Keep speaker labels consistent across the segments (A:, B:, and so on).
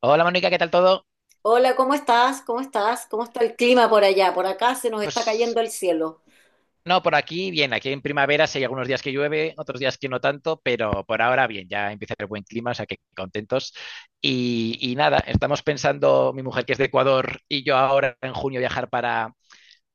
A: Hola Mónica, ¿qué tal todo?
B: Hola, ¿cómo estás? ¿Cómo estás? ¿Cómo está el clima por allá? Por acá se nos está
A: Pues
B: cayendo el cielo.
A: no, por aquí bien, aquí en primavera sí hay algunos días que llueve, otros días que no tanto, pero por ahora bien, ya empieza el buen clima, o sea que contentos. Y nada, estamos pensando, mi mujer que es de Ecuador y yo ahora en junio viajar para,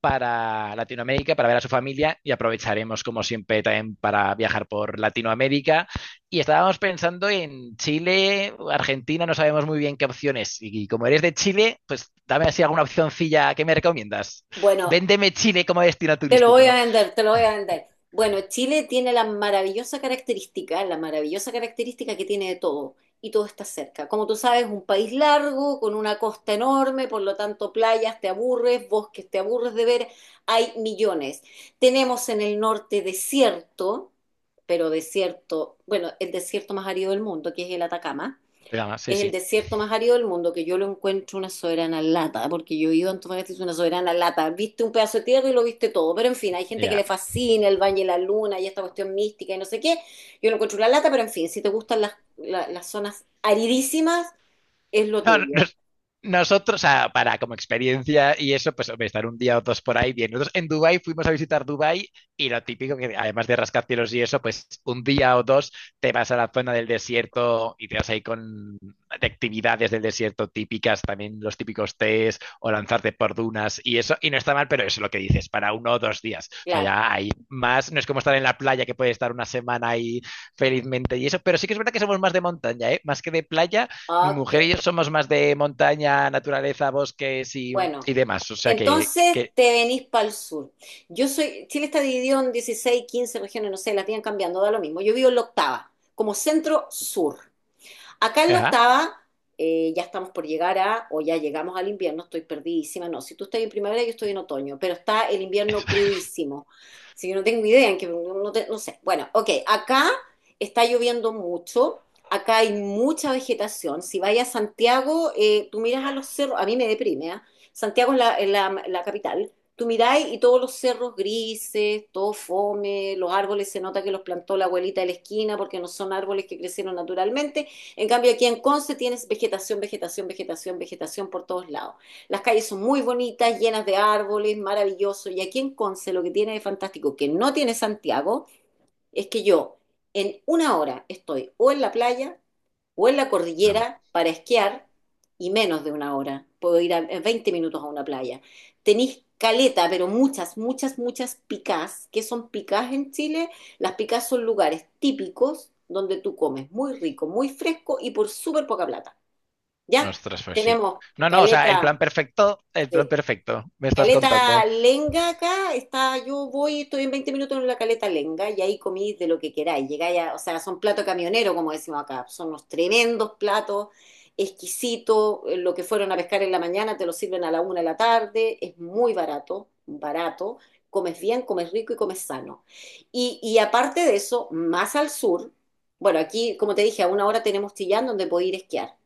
A: para Latinoamérica, para ver a su familia y aprovecharemos como siempre también para viajar por Latinoamérica. Y estábamos pensando en Chile, Argentina, no sabemos muy bien qué opciones. Y, como eres de Chile, pues dame así alguna opcioncilla que me recomiendas.
B: Bueno,
A: Véndeme Chile como destino
B: te lo voy a
A: turístico.
B: vender, te lo voy a vender. Bueno, Chile tiene la maravillosa característica que tiene de todo y todo está cerca. Como tú sabes, un país largo, con una costa enorme, por lo tanto playas te aburres, bosques te aburres de ver, hay millones. Tenemos en el norte desierto, pero desierto, bueno, el desierto más árido del mundo, que es el Atacama.
A: Pero, sí,
B: Es el
A: sí,
B: desierto más árido del mundo, que yo lo encuentro una soberana lata, porque yo he ido a Antofagasta, es una soberana lata. Viste un pedazo de tierra y lo viste todo, pero en fin, hay gente que
A: ya.
B: le fascina el Valle de la Luna y esta cuestión mística y no sé qué. Yo lo encuentro una lata, pero en fin, si te gustan las zonas aridísimas, es lo
A: No, no,
B: tuyo.
A: nosotros, o sea, para como experiencia y eso, pues hombre, estar un día o dos por ahí bien. Nosotros en Dubái fuimos a visitar Dubái y lo típico que además de rascacielos y eso, pues un día o dos te vas a la zona del desierto y te vas ahí con de actividades del desierto típicas, también los típicos tés o lanzarte por dunas y eso. Y no está mal, pero eso es lo que dices, para uno o dos días. O sea,
B: Claro.
A: ya hay más, no es como estar en la playa que puedes estar una semana ahí felizmente y eso, pero sí que es verdad que somos más de montaña, ¿eh? Más que de playa mi
B: Ok.
A: mujer y yo somos más de montaña, naturaleza, bosques y,
B: Bueno,
A: y demás. O sea que,
B: entonces te venís para el sur. Yo soy, Chile está dividido en 16 15 regiones, no sé, las tienen cambiando, da lo mismo. Yo vivo en la octava, como centro sur. Acá en la
A: ajá.
B: octava ya estamos por llegar a, o ya llegamos al invierno, estoy perdidísima. No, si tú estás en primavera, yo estoy en otoño, pero está el invierno crudísimo. Si yo no tengo idea, en que no, no sé. Bueno, ok, acá está lloviendo mucho. Acá hay mucha vegetación. Si vayas a Santiago, tú miras a los cerros, a mí me deprime, ¿ah? Santiago es la capital. Tú miráis y todos los cerros grises, todo fome, los árboles se nota que los plantó la abuelita de la esquina porque no son árboles que crecieron naturalmente. En cambio, aquí en Conce tienes vegetación, vegetación, vegetación, vegetación por todos lados. Las calles son muy bonitas, llenas de árboles, maravilloso. Y aquí en Conce lo que tiene de fantástico, que no tiene Santiago, es que yo en una hora estoy o en la playa o en la
A: Bueno,
B: cordillera para esquiar y menos de una hora. Puedo ir en 20 minutos a una playa. Tenéis caleta, pero muchas, muchas, muchas picás. ¿Qué son picás en Chile? Las picás son lugares típicos donde tú comes muy rico, muy fresco y por súper poca plata. ¿Ya?
A: ostras, pues sí.
B: Tenemos
A: No, no, o sea,
B: caleta,
A: el plan
B: sí,
A: perfecto, me estás
B: Caleta
A: contando.
B: Lenga acá, está, yo voy, estoy en 20 minutos en la Caleta Lenga y ahí comí de lo que queráis. Llegáis a, o sea, son platos camioneros, como decimos acá, son unos tremendos platos, exquisitos, lo que fueron a pescar en la mañana te lo sirven a la una de la tarde, es muy barato, barato, comes bien, comes rico y comes sano. Y aparte de eso, más al sur, bueno, aquí, como te dije, a una hora tenemos Chillán donde puedo ir a esquiar.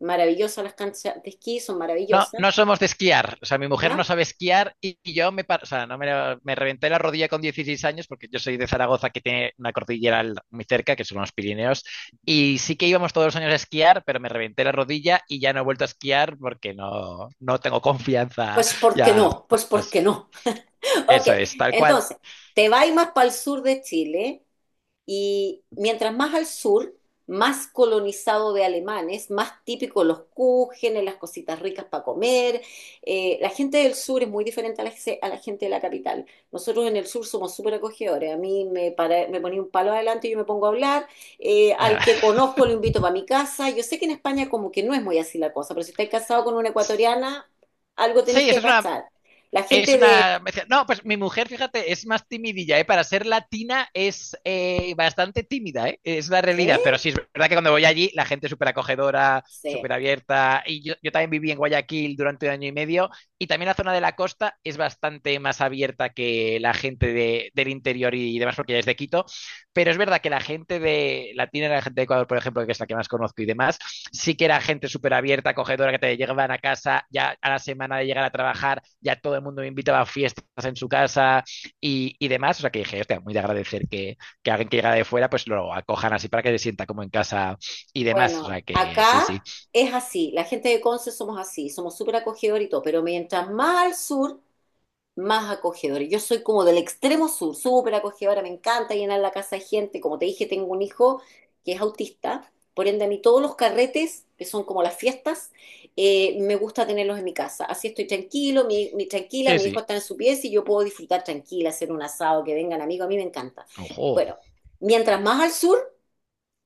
B: Maravillosas las canchas de esquí, son
A: No,
B: maravillosas,
A: no somos de esquiar. O sea, mi mujer
B: ¿no?
A: no sabe esquiar y yo o sea, no me reventé la rodilla con 16 años porque yo soy de Zaragoza que tiene una cordillera muy cerca, que son los Pirineos, y sí que íbamos todos los años a esquiar, pero me reventé la rodilla y ya no he vuelto a esquiar porque no, no tengo confianza
B: Pues ¿por qué
A: ya
B: no? Pues ¿por
A: más.
B: qué no? Ok,
A: Eso es, tal cual.
B: entonces, te vas más para el sur de Chile, y mientras más al sur, más colonizado de alemanes, más típico los kuchenes, las cositas ricas para comer. La gente del sur es muy diferente a la gente de la capital. Nosotros en el sur somos súper acogedores. A mí me, para, me ponía un palo adelante y yo me pongo a hablar. Al que conozco lo invito para mi casa. Yo sé que en España como que no es muy así la cosa, pero si estáis casado con una ecuatoriana, algo
A: Sí,
B: tenéis que
A: eso es una.
B: cachar. La
A: Es
B: gente de...
A: una. Me decía, no, pues mi mujer, fíjate, es más timidilla, ¿eh? Para ser latina es bastante tímida, ¿eh? Es la realidad. Pero
B: ¿sí?
A: sí, es verdad que cuando voy allí, la gente es súper acogedora,
B: Sí.
A: súper abierta. Y yo también viví en Guayaquil durante un año y medio. Y también la zona de la costa es bastante más abierta que la gente del interior y demás, porque ya es de Quito. Pero es verdad que la gente de latina, la gente de Ecuador, por ejemplo, que es la que más conozco y demás, sí que era gente súper abierta, acogedora, que te llegaban a casa ya a la semana de llegar a trabajar, ya todo el mundo me invitaba a fiestas en su casa y demás. O sea que dije, hostia, muy de agradecer que alguien que llega de fuera pues lo acojan así para que se sienta como en casa y demás. O
B: Bueno,
A: sea que sí, sí,
B: acá es así, la gente de Conce somos así, somos súper acogedor y todo, pero mientras más al sur, más acogedor. Yo soy como del extremo sur, súper acogedora, me encanta llenar la casa de gente. Como te dije, tengo un hijo que es autista, por ende a mí todos los carretes, que son como las fiestas, me gusta tenerlos en mi casa. Así estoy tranquilo, tranquila,
A: sí,
B: mi hijo
A: sí.
B: está en su pieza y yo puedo disfrutar tranquila, hacer un asado, que vengan amigos, a mí me encanta.
A: Ojo,
B: Bueno, mientras más al sur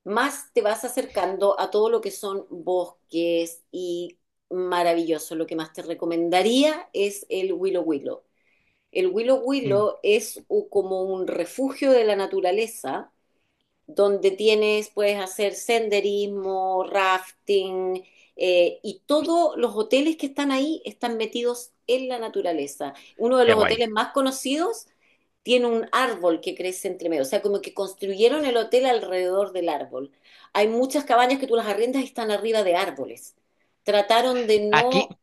B: más te vas acercando a todo lo que son bosques y maravilloso. Lo que más te recomendaría es el Willow Willow. El Willow
A: mm,
B: Willow es como un refugio de la naturaleza donde tienes, puedes hacer senderismo, rafting, y todos los hoteles que están ahí están metidos en la naturaleza. Uno de
A: qué
B: los
A: guay.
B: hoteles más conocidos tiene un árbol que crece entre medio, o sea, como que construyeron el hotel alrededor del árbol. Hay muchas cabañas que tú las arriendas y están arriba de árboles. Trataron de
A: Aquí
B: no...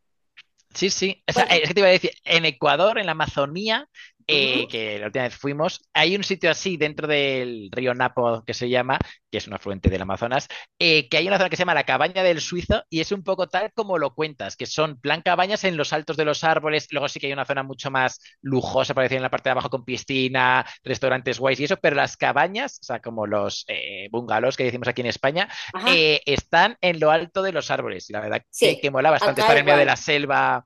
A: Sí, sí. O sea,
B: Cuenta.
A: es que te iba a decir, en Ecuador, en la Amazonía,
B: Ujú.
A: que la última vez fuimos, hay un sitio así dentro del río Napo que se llama, que es un afluente del Amazonas, que hay una zona que se llama la Cabaña del Suizo y es un poco tal como lo cuentas, que son plan cabañas en los altos de los árboles, luego sí que hay una zona mucho más lujosa, para decir, en la parte de abajo con piscina, restaurantes guays y eso, pero las cabañas, o sea, como los bungalows que decimos aquí en España,
B: Ajá.
A: están en lo alto de los árboles y la verdad que,
B: Sí,
A: que mola bastante
B: acá
A: estar en medio de la
B: igual.
A: selva.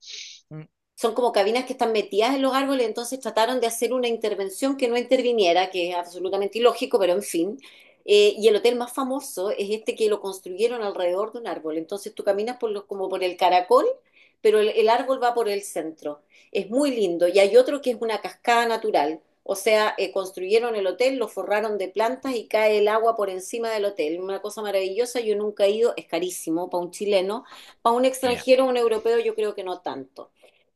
A: Mm,
B: Son como cabinas que están metidas en los árboles, entonces trataron de hacer una intervención que no interviniera, que es absolutamente ilógico, pero en fin. Y el hotel más famoso es este que lo construyeron alrededor de un árbol, entonces tú caminas por los, como por el caracol, pero el árbol va por el centro. Es muy lindo. Y hay otro que es una cascada natural, o sea, construyeron el hotel, lo forraron de plantas y cae el agua por encima del hotel. Una cosa maravillosa, yo nunca he ido, es carísimo para un chileno, para un
A: ya.
B: extranjero, un europeo, yo creo que no tanto.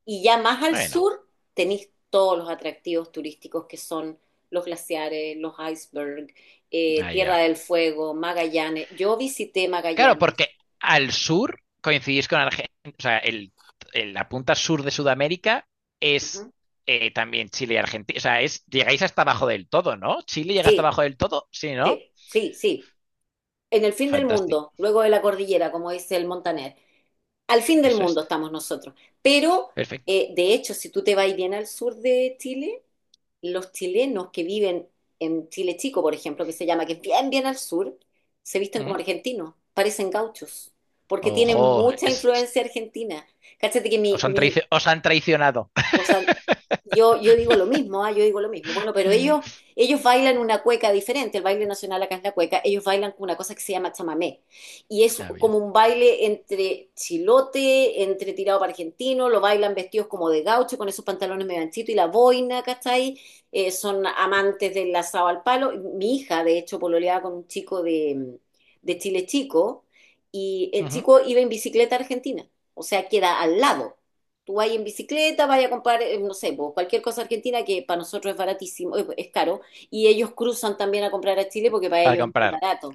B: Y ya más al
A: Bueno,
B: sur tenéis todos los atractivos turísticos que son los glaciares, los icebergs, Tierra
A: allá.
B: del Fuego, Magallanes. Yo visité
A: Claro,
B: Magallanes.
A: porque al sur coincidís con Argentina, o sea, la punta sur de Sudamérica es
B: Ujú.
A: también Chile y Argentina. O sea, es, llegáis hasta abajo del todo, ¿no? Chile llega hasta
B: Sí,
A: abajo del todo, sí, ¿no?
B: sí, sí, sí. En el fin del
A: Fantástico.
B: mundo, luego de la cordillera, como dice el Montaner. Al fin del
A: Eso es.
B: mundo estamos nosotros. Pero,
A: Perfecto.
B: de hecho, si tú te vas bien al sur de Chile, los chilenos que viven en Chile Chico, por ejemplo, que se llama, que es bien, bien al sur, se visten como
A: Ujú.
B: argentinos, parecen gauchos, porque
A: Ojo,
B: tienen mucha influencia argentina. Cáchate que mi, mi
A: os han traicionado.
B: o sea, yo digo lo mismo, yo digo lo mismo. Bueno, pero ellos, ellos bailan una cueca diferente, el baile nacional acá es la cueca, ellos bailan con una cosa que se llama chamamé. Y es
A: Ha habido.
B: como un baile entre chilote, entre tirado para argentino, lo bailan vestidos como de gaucho, con esos pantalones medio anchitos y la boina, ¿cachai? Son amantes del asado al palo. Mi hija, de hecho, pololeaba con un chico de Chile Chico, y el
A: Ujú.
B: chico iba en bicicleta a Argentina, o sea, queda al lado. Tú vas en bicicleta, vas a comprar, no sé, pues, cualquier cosa argentina que para nosotros es baratísimo, es caro, y ellos cruzan también a comprar a Chile porque para
A: Para
B: ellos es muy
A: comprar.
B: barato.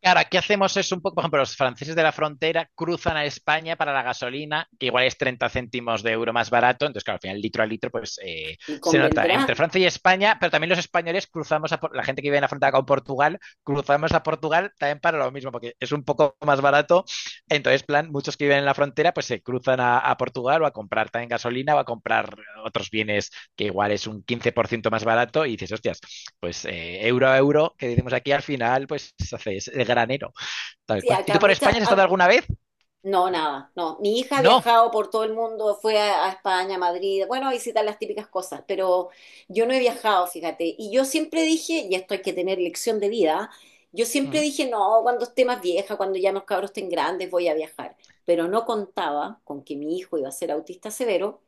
A: Claro, aquí hacemos eso un poco, por ejemplo, los franceses de la frontera cruzan a España para la gasolina, que igual es 30 céntimos de euro más barato, entonces claro, al final litro a litro pues
B: Y
A: se nota entre
B: convendrá,
A: Francia y España, pero también los españoles cruzamos, a, la gente que vive en la frontera con Portugal, cruzamos a Portugal también para lo mismo, porque es un poco más barato, entonces plan, muchos que viven en la frontera pues se cruzan a Portugal o a comprar también gasolina o a comprar otros bienes que igual es un 15% más barato y dices, hostias, pues euro a euro, que decimos aquí, al final, pues haces el granero, tal
B: sí,
A: cual. ¿Y
B: acá
A: tú por
B: muchas,
A: España has estado alguna vez?
B: no, nada, no. Mi hija ha
A: No.
B: viajado por todo el mundo, fue a España, a Madrid, bueno, a visitar las típicas cosas, pero yo no he viajado, fíjate. Y yo siempre dije, y esto hay que tener lección de vida, ¿ah? Yo siempre
A: Mm,
B: dije, no, cuando esté más vieja, cuando ya los cabros estén grandes, voy a viajar. Pero no contaba con que mi hijo iba a ser autista severo.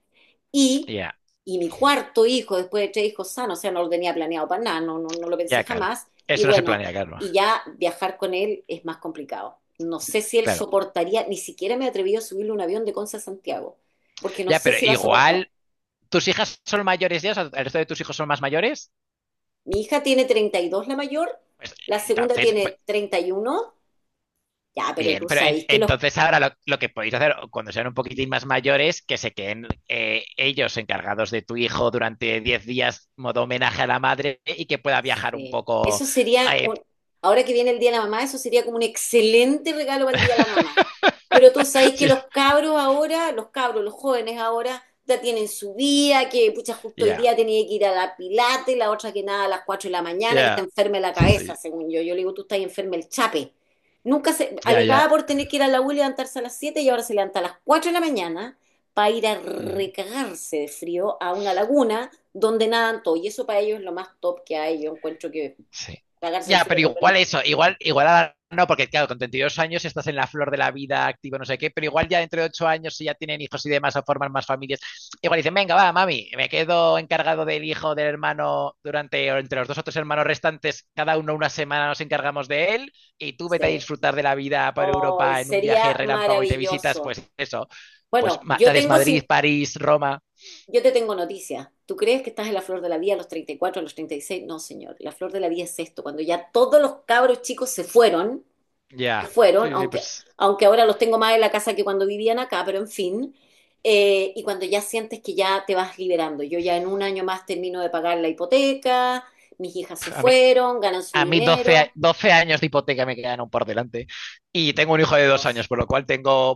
B: Y,
A: ya,
B: y mi cuarto hijo, después de tres hijos sanos, o sea, no lo tenía planeado para nada, no, no, no lo pensé
A: ya, claro.
B: jamás. Y
A: Eso no se
B: bueno,
A: planea, claro.
B: y ya viajar con él es más complicado. No sé si él
A: Claro.
B: soportaría, ni siquiera me he atrevido a subirle un avión de Conce a Santiago, porque no
A: Ya,
B: sé
A: pero
B: si va a soportar.
A: igual, ¿tus hijas son mayores ya? O sea, ¿el resto de tus hijos son más mayores?
B: Mi hija tiene 32 la mayor,
A: Pues
B: la segunda
A: entonces, pues,
B: tiene 31 ya, pero
A: bien,
B: tú
A: pero
B: sabes que los.
A: entonces ahora lo que podéis hacer cuando sean un poquitín más mayores, que se queden ellos encargados de tu hijo durante 10 días, modo homenaje a la madre, y que pueda viajar un
B: Sí.
A: poco
B: Eso sería
A: eh,
B: un, ahora que viene el Día de la Mamá, eso sería como un excelente regalo para el Día de la Mamá. Pero tú sabes que
A: sí,
B: los cabros ahora, los cabros, los jóvenes ahora, ya tienen su día, que pucha, justo hoy
A: ya,
B: día tenía que ir a la pilate, la otra que nada a las 4 de la mañana, que está
A: ya,
B: enferma de la cabeza,
A: sí,
B: según yo. Yo le digo, tú estás enferma el chape. Nunca se,
A: ya, ya.
B: alegaba por tener que ir a la U y levantarse a las 7 y ahora se levanta a las 4 de la mañana para ir a recagarse de frío a una laguna donde nadan todo. Y eso para ellos es lo más top que hay. Yo encuentro que
A: Sí.
B: pagarse el
A: Ya, pero
B: frío por lo
A: igual
B: listo.
A: eso, igual, igual ahora no, porque claro, con 32 años estás en la flor de la vida, activo, no sé qué, pero igual ya entre 8 años, si ya tienen hijos y demás, o forman más familias, igual dicen, venga, va, mami, me quedo encargado del hijo, del hermano, durante, o entre los dos o tres hermanos restantes, cada uno una semana nos encargamos de él, y tú vete a
B: Sí.
A: disfrutar de la vida por
B: Hoy
A: Europa en un viaje
B: sería
A: relámpago y te visitas,
B: maravilloso.
A: pues eso, pues
B: Bueno,
A: te
B: yo
A: haces
B: tengo
A: Madrid, París, Roma,
B: yo te tengo noticias. ¿Tú crees que estás en la flor de la vida a los 34 a los 36? No, señor. La flor de la vida es esto, cuando ya todos los cabros chicos se fueron
A: ya,
B: fueron,
A: sí, sí,
B: aunque,
A: pues
B: aunque ahora los tengo más en la casa que cuando vivían acá, pero en fin. Y cuando ya sientes que ya te vas liberando, yo ya en un año más termino de pagar la hipoteca, mis hijas se
A: pf, a mí,
B: fueron, ganan su
A: a mí
B: dinero,
A: 12 años de hipoteca me quedan aún por delante y tengo un hijo de dos
B: Dios.
A: años, por lo cual tengo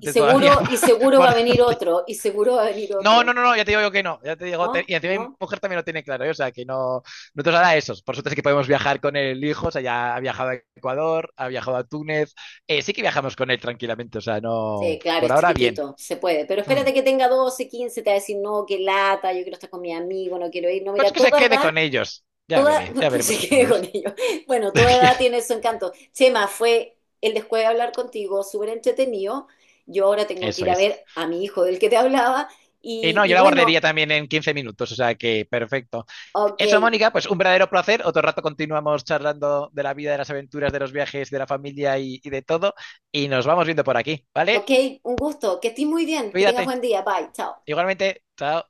A: todavía
B: Y seguro va
A: por...
B: a venir otro, y seguro va a venir
A: No, no,
B: otro,
A: no, no, ya te digo yo que no, ya te digo,
B: ¿no?
A: y encima mi
B: ¿No?
A: mujer también lo tiene claro, ¿eh? O sea, que no, no te os hará esos. Por suerte sí que podemos viajar con el hijo, o sea, ya ha viajado a Ecuador, ha viajado a Túnez, sí que viajamos con él tranquilamente, o sea, no,
B: Sí, claro,
A: por
B: es
A: ahora bien.
B: chiquitito, se puede, pero
A: Hmm.
B: espérate que tenga 12 15 te va a decir, no, qué lata, yo quiero estar con mi amigo, no quiero ir, no, mira,
A: Pues
B: a
A: que se
B: toda
A: quede
B: edad.
A: con ellos, ya
B: Toda,
A: veré, ya
B: pues
A: veremos
B: se
A: qué
B: quede con
A: hacemos.
B: ello. Bueno, toda edad tiene su encanto. Chema, fue el después de hablar contigo, súper entretenido. Yo ahora tengo que
A: Eso
B: ir a
A: es.
B: ver a mi hijo del que te hablaba.
A: Y
B: Y,
A: no,
B: y
A: yo la
B: bueno,
A: guardaría también en 15 minutos, o sea que perfecto.
B: ok,
A: Eso, Mónica, pues un verdadero placer. Otro rato continuamos charlando de la vida, de las aventuras, de los viajes, de la familia y de todo. Y nos vamos viendo por aquí, ¿vale?
B: ok, un gusto. Que estés muy bien, que tengas
A: Cuídate.
B: buen día. Bye, chao.
A: Igualmente, chao.